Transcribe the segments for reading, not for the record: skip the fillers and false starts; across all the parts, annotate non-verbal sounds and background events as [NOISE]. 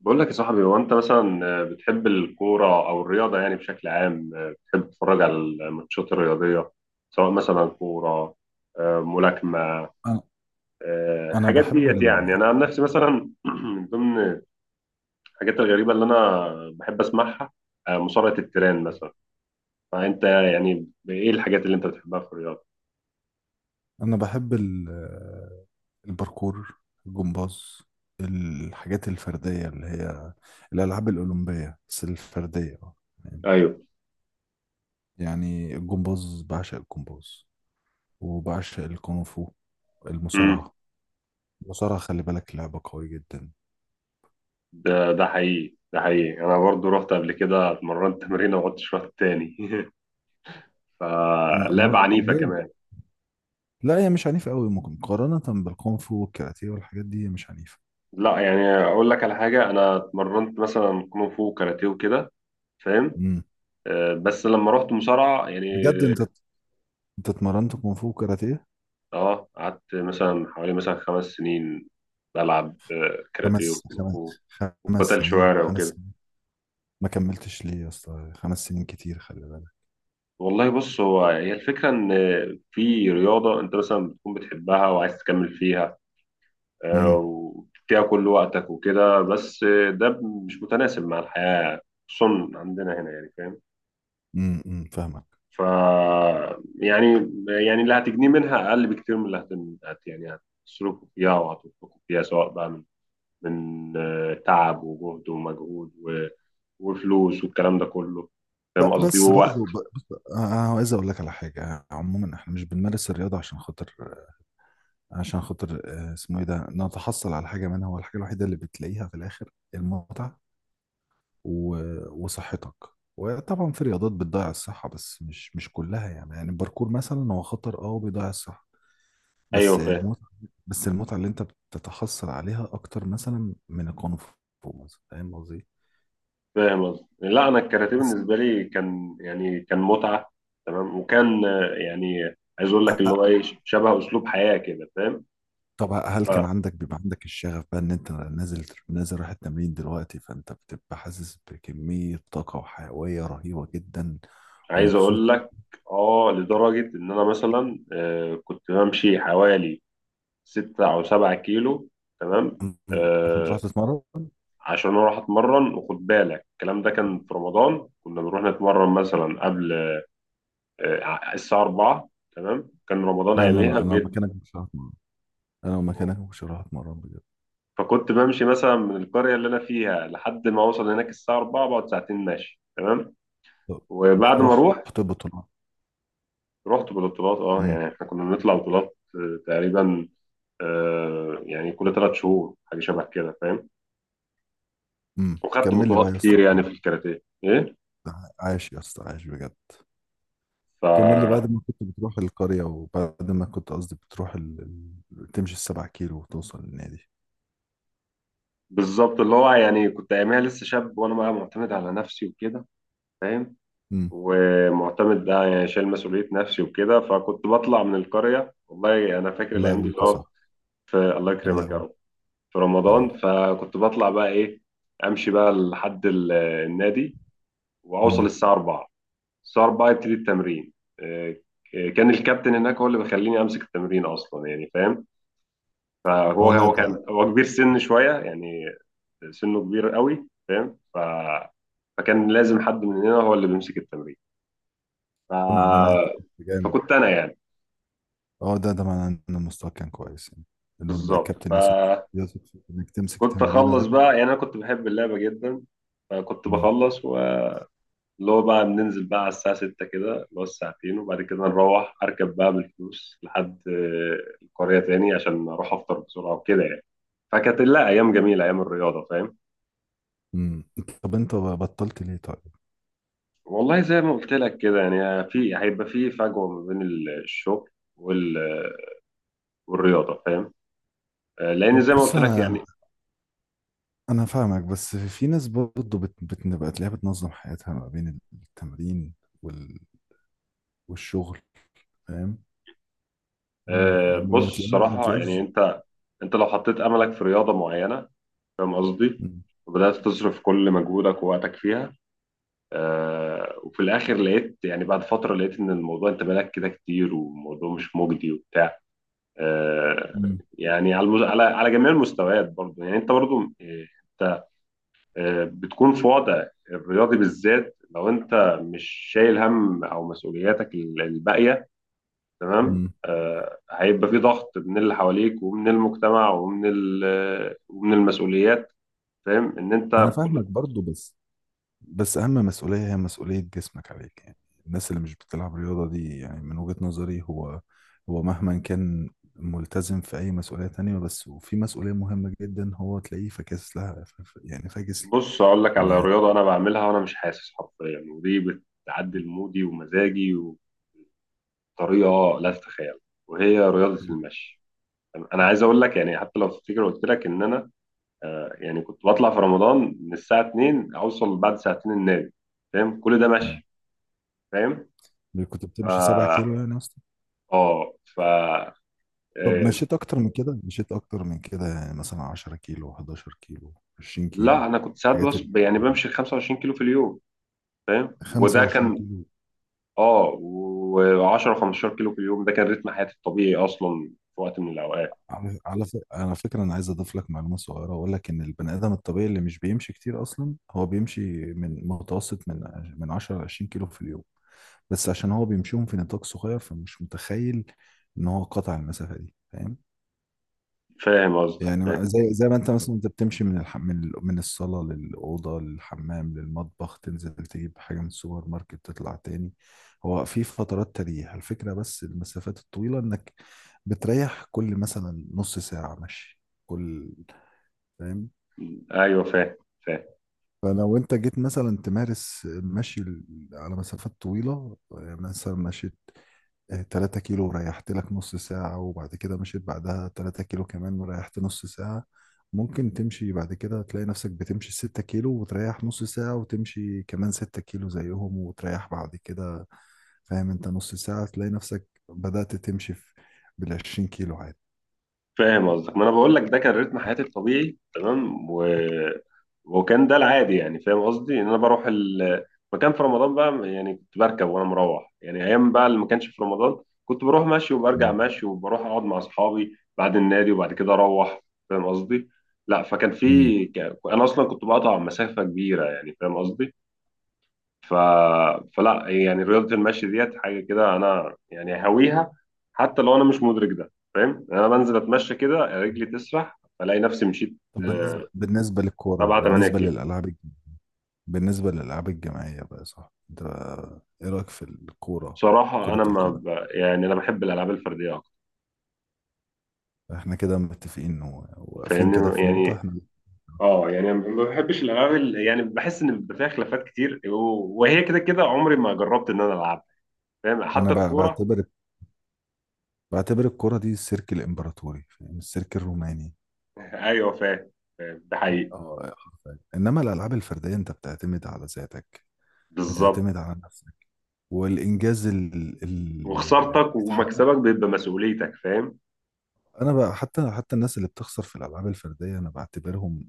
بقول لك يا صاحبي، هو انت مثلا بتحب الكوره او الرياضه؟ يعني بشكل عام بتحب تتفرج على الماتشات الرياضيه، سواء مثلا كوره، ملاكمه، انا انا الحاجات ديت؟ يعني انا عن نفسي مثلا [CLEARS THROAT] من ضمن الحاجات الغريبه اللي انا بحب اسمعها مصارعه التيران مثلا. فانت يعني ايه الحاجات اللي انت بتحبها في الرياضه؟ انا بحب ال... الباركور الجمباز، الحاجات الفرديه اللي هي الالعاب الاولمبيه بس الفرديه. اه ايوه. يعني الجمباز، بعشق الجمباز وبعشق الكونغ فو، امم المصارعه المصارعه خلي بالك لعبه قويه جدا. ده حقيقي، ده حقيقي، انا برضو رحت قبل كده اتمرنت تمرين وما عدتش رحت تاني. [LAUGHS] ما... فلعبه ما... عنيفه ليه؟ كمان. لا، هي مش عنيفه قوي، ممكن مقارنه بالكونغ فو والكاراتيه والحاجات دي هي مش عنيفه. لا يعني اقول لك على حاجه، انا اتمرنت مثلا كونغ فو وكاراتيه وكده، فاهم؟ امم. بس لما رحت مصارعه يعني. بجد انت اتمرنت كونغ فو وكاراتيه؟ اه، قعدت مثلا حوالي مثلا 5 سنين بلعب، خمس كاراتيه وكونغ خمس فو خمس وقتل سنين، شوارع خمس؟ وكده. ما كملتش ليه يا اسطى، 5 سنين كتير، خلي بالك. والله بص، هو هي الفكره ان في رياضه انت مثلا بتكون بتحبها وعايز تكمل فيها، امم. وفيها كل وقتك وكده، بس ده مش متناسب مع الحياه، خصوصا عندنا هنا يعني، فاهم؟ أمم، فاهمك. ف يعني، يعني اللي هتجنيه منها اقل بكتير من اللي هتن... هت يعني هتصرفه فيها وهتنفقه فيها، سواء بقى من تعب وجهد ومجهود وفلوس والكلام ده كله، فاهم قصدي؟ بس ووقت. برضو، بس انا عايز اقول لك على حاجه. عموما احنا مش بنمارس الرياضه عشان خاطر، اسمه ايه ده، نتحصل على حاجه منها. هو الحاجه الوحيده اللي بتلاقيها في الاخر المتعه و... وصحتك. وطبعا في رياضات بتضيع الصحه، بس مش كلها، يعني الباركور مثلا هو خطر، وبيضيع الصحه، ايوه بس فاهم. المتعه بس المتعه اللي انت بتتحصل عليها اكتر مثلا من الكونغ فو مثلا، فاهم قصدي؟ فاهم قصدي، لا انا الكاراتيه بس بالنسبه لي كان يعني كان متعه، تمام؟ وكان يعني عايز اقول لك اللي آه، هو ايه، شبه اسلوب حياه كده، فاهم؟ طب هل كان عندك بيبقى عندك الشغف بقى ان انت نازل رايح التمرين دلوقتي، فانت بتبقى حاسس بكمية طاقة وحيوية رهيبة جدا فعايز اقول ومبسوط؟ لك، اه، لدرجه ان انا مثلا كنت بمشي حوالي 6 أو 7 كيلو، تمام؟ عشان تروح آه، تتمرن؟ عشان أروح أتمرن، وخد بالك الكلام ده كان في رمضان، كنا بنروح نتمرن مثلا قبل آه الساعة 4، تمام؟ كان رمضان لا، لا، أياميها لا، انا لو بجد. مكانك مش هروح اتمرن. انا لو مكانك مش هروح اتمرن بجد. فكنت بمشي مثلا من القرية اللي أنا فيها لحد ما أوصل هناك الساعة 4، بقعد ساعتين ماشي، تمام؟ طب، وبعد ما أروح، رحت بطولة؟ رحت ببطولات، أه امم، يعني إحنا كنا بنطلع بطولات، تقريبا آه يعني كل 3 شهور حاجة شبه كده، فاهم؟ امم، وخدت كمل لي بطولات بقى يا اسطى. كتير يعني في الكاراتيه، إيه. عايش يا اسطى، عايش بجد. كمل لي ف بعد ما كنت بتروح القرية، وبعد ما كنت، قصدي، بتروح تمشي السبع كيلو وتوصل للنادي. بالظبط. اللي هو يعني كنت اياميها لسه شاب، وانا بقى معتمد على نفسي وكده، فاهم؟ امم. ومعتمد بقى يعني شايل مسؤوليه نفسي وكده، فكنت بطلع من القريه، والله انا فاكر الله الايام دي يقويك اللي يا هو صاحبي. في. الله الله يكرمك يا يقويك رب. في رمضان حبيبي. فكنت بطلع بقى ايه، امشي بقى لحد النادي، واوصل امم. الساعه 4. الساعه 4 يبتدي التمرين، إيه. كان الكابتن هناك هو اللي بيخليني امسك التمرين اصلا يعني، فاهم؟ اه فهو لا، هو ده كان هو كبير سن شويه يعني، سنه كبير قوي، فاهم؟ فكان لازم حد مننا هو اللي بيمسك التمرين. ف... ده معناه ان انت كنت جامد. فكنت انا يعني، اه، ده معناه ان المستوى كان كويس يعني، انه بالظبط. الكابتن يثق في- فكنت يثق في انك تمسك تمرينه اخلص ده. بقى، يعني انا كنت بحب اللعبه جدا، فكنت امم، بخلص، واللي هو بقى بننزل بقى على الساعه 6 كده، اللي هو الساعتين، وبعد كده نروح اركب بقى بالفلوس لحد القريه تاني، عشان اروح افطر بسرعه وكده يعني. فكانت لا ايام جميله، ايام الرياضه، فاهم؟ امم. طب انت بطلت ليه طيب؟ والله زي ما قلت لك كده يعني، في هيبقى في فجوه ما بين الشغل والرياضه، فاهم؟ لان زي ما بص قلت لك انا يعني، انا فاهمك بس في ناس برضه بتبقى تلاقيها بتنظم حياتها ما بين التمرين وال... والشغل، فاهم؟ ما بص بتلاقيهم، ما صراحه يعني، بتلاقيش. انت لو حطيت املك في رياضه معينه، فاهم قصدي؟ مم. وبدات تصرف كل مجهودك ووقتك فيها، وفي الاخر لقيت يعني، بعد فتره لقيت ان الموضوع انت بالك كده كتير والموضوع مش مجدي وبتاع. آه، مم. يعني على على جميع المستويات برضه يعني، انت برضه آه، انت بتكون في وضع الرياضي بالذات. لو انت مش شايل هم او مسؤولياتك الباقيه، تمام، مم. هيبقى في ضغط من اللي حواليك ومن المجتمع ومن ومن المسؤوليات، فاهم ان انت انا فاهمك بكل. برضه، بس اهم مسؤوليه هي مسؤوليه جسمك عليك، يعني الناس اللي مش بتلعب رياضه دي، يعني من وجهه نظري، هو مهما كان ملتزم في اي مسؤوليه تانية، بس وفي مسؤوليه مهمه جدا هو تلاقيه فاكس لها، يعني فاكس بص اقول لك على ل. رياضه انا بعملها وانا مش حاسس حرفيا، ودي بتعدل مودي ومزاجي بطريقه لا تتخيل، وهي رياضه المشي. انا عايز اقول لك يعني، حتى لو تفتكر قلت لك ان انا يعني كنت بطلع في رمضان من الساعه 2، اوصل بعد ساعتين النادي، فاهم؟ كل ده م. مشي، فاهم؟ كنت ف بتمشي 7 كيلو يعني يا اسطى. اه ف طب آه، مشيت اكتر من كده، يعني مثلا 10 كيلو، 11 كيلو، 20 كيلو؟ لا انا كنت ساعات بس الحاجات ال يعني بمشي 25 كيلو في اليوم، فاهم؟ وده 25 كان، كيلو. اه، و10 15 كيلو في اليوم، ده كان رتم حياتي الطبيعي اصلا، في وقت من الاوقات. على فكرة أنا عايز أضيف لك معلومة صغيرة وأقول لك إن البني آدم الطبيعي اللي مش بيمشي كتير أصلا هو بيمشي من متوسط، من 10 ل 20 كيلو في اليوم. بس عشان هو بيمشيهم في نطاق صغير فمش متخيل إن هو قطع المسافة دي، فاهم؟ فاهم قصدك، يعني فاهم. زي ما انت، مثلا انت بتمشي من الح... من ال- من الصاله للاوضه للحمام للمطبخ، تنزل تجيب حاجه من السوبر ماركت، تطلع تاني. هو في فترات تريح الفكره، بس المسافات الطويله انك بتريح كل مثلا نص ساعه مشي كل، فاهم؟ ايوه فاهم، فاهم. فلو انت جيت مثلا تمارس المشي على مسافات طويله، يعني مثلا مشيت 3 كيلو وريحت لك نص ساعة، وبعد كده مشيت بعدها 3 كيلو كمان وريحت نص ساعة، ممكن تمشي بعد كده تلاقي نفسك بتمشي 6 كيلو وتريح نص ساعة، وتمشي كمان 6 كيلو زيهم وتريح بعد كده، فاهم انت؟ نص ساعة تلاقي نفسك بدأت تمشي في بالعشرين كيلو عادي. فاهم قصدك، ما انا بقول لك ده كان رتم حياتي الطبيعي، تمام؟ وكان ده العادي يعني، فاهم قصدي؟ ان انا بروح مكان في رمضان بقى، يعني كنت بركب وانا مروح يعني، ايام بقى اللي ما كانش في رمضان كنت بروح ماشي وبرجع مم. ماشي وبروح اقعد مع اصحابي بعد النادي، وبعد كده اروح، فاهم قصدي؟ لا فكان مم. في انا اصلا كنت بقطع مسافة كبيرة، يعني فاهم قصدي؟ ف... فلا يعني رياضة المشي ديت حاجة كده أنا يعني هاويها، حتى لو أنا مش مدرك ده، فاهم؟ يعني أنا بنزل أتمشى كده، رجلي تسرح ألاقي نفسي مشيت طب آه، بالنسبة للكورة، 7 8 كيلو. بالنسبة للألعاب الجماعية بقى، صح؟ انت ايه رأيك في الكورة، بصراحة كرة أنا ما القدم؟ ب... يعني أنا بحب الألعاب الفردية أكتر، احنا كده متفقين واقفين كده فاهمني في نقطة. يعني؟ احنا اه يعني ما بحبش يعني بحس ان بيبقى فيها خلافات كتير، وهي كده كده عمري ما جربت ان انا العبها، فاهم؟ انا حتى الكوره. بعتبر الكرة دي السيرك الامبراطوري فاهم، السيرك الروماني. [LAUGHS] ايوه فاهم، فاهم، ده حقيقي. اه، حرفياً. انما الالعاب الفردية انت بتعتمد على ذاتك، بالظبط، بتعتمد على نفسك، والانجاز ال- اللي وخسارتك بيتحقق. ومكسبك بيبقى مسؤوليتك، فاهم؟ انا بقى، حتى الناس اللي بتخسر في الالعاب الفردية انا بعتبرهم،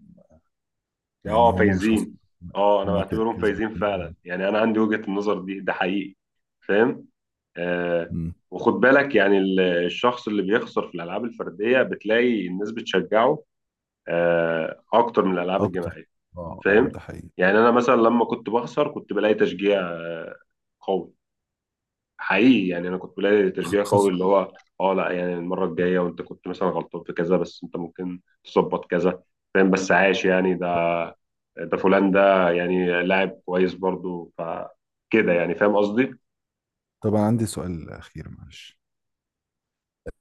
يعني اه، هم مش خسر، فايزين. اه انا هم بعتبرهم فايزين فعلا، كسبانين. يعني انا عندي وجهة النظر دي، ده حقيقي، فاهم؟ آه. أمم، وخد بالك يعني الشخص اللي بيخسر في الالعاب الفرديه بتلاقي الناس بتشجعه آه، اكتر من الالعاب اكتر. الجماعيه، اه، اه، فاهم؟ ده حقيقي. يعني انا مثلا لما كنت بخسر كنت بلاقي تشجيع آه قوي، حقيقي يعني، انا كنت بلاقي خ- تشجيع خس... قوي اللي هو، اه، لا يعني المره الجايه وانت كنت مثلا غلطان في كذا، بس انت ممكن تظبط كذا، فاهم؟ بس عاش يعني، ده ده فلان ده يعني لاعب كويس برضو، فكده يعني، فاهم قصدي؟ طبعا عندي سؤال اخير معلش.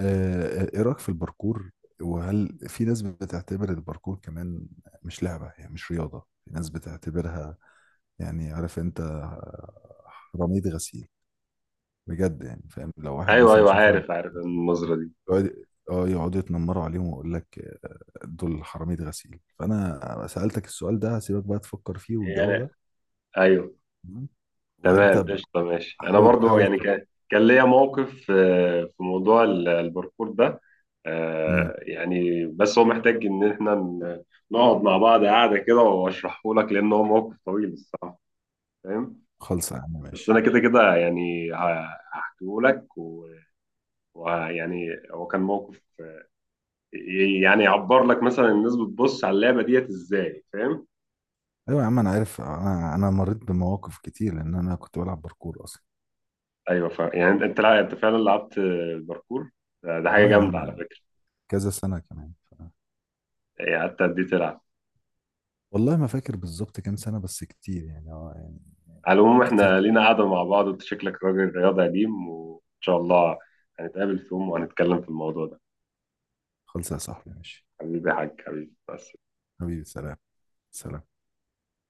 ايه رأيك في الباركور؟ وهل في ناس بتعتبر الباركور كمان مش لعبة، يعني مش رياضة، في ناس بتعتبرها، يعني عارف انت، رميد غسيل؟ بجد يعني، فاهم؟ لو واحد ايوه مثلا ايوه، شاف واحد عارف عارف النظره دي، بيقعد، اه، يقعدوا يتنمروا عليهم ويقول لك دول حرامية غسيل. فانا سألتك السؤال ده، هسيبك بقى تفكر فيه والجو يعني، ده، ايوه. تمام؟ وانت تمام، قشطه، ماشي. انا حاول، برضو حاول، يعني كان كان ليا موقف في موضوع الباركور ده، مم. يعني بس هو محتاج ان احنا نقعد مع بعض قاعده كده واشرحه لك، لان هو موقف طويل الصراحه، فاهم؟ خلص يا عم، بس ماشي. انا كده كده يعني هحكيه لك. ويعني هو كان موقف يعني يعبر لك مثلا الناس بتبص على اللعبه ديت ازاي، فاهم؟ ايوه يا عم انا عارف، انا مريت بمواقف كتير لان انا كنت بلعب باركور اصلا، ايوه فاهم، يعني انت انت لا انت فعلا لعبت الباركور، ده ده حاجه اه يا جامده على عم، فكره. كذا سنة كمان. يعني قعدت قد ايه تلعب؟ والله ما فاكر بالظبط كام سنة، بس كتير يعني، يعني على العموم كتير. احنا لينا قعده مع بعض، وانت شكلك راجل رياضي قديم، وان شاء الله هنتقابل في يوم وهنتكلم في الموضوع ده. خالص يا صاحبي ماشي. حبيبي يا حاج، حبيبي، بس. حبيبي، سلام. سلام.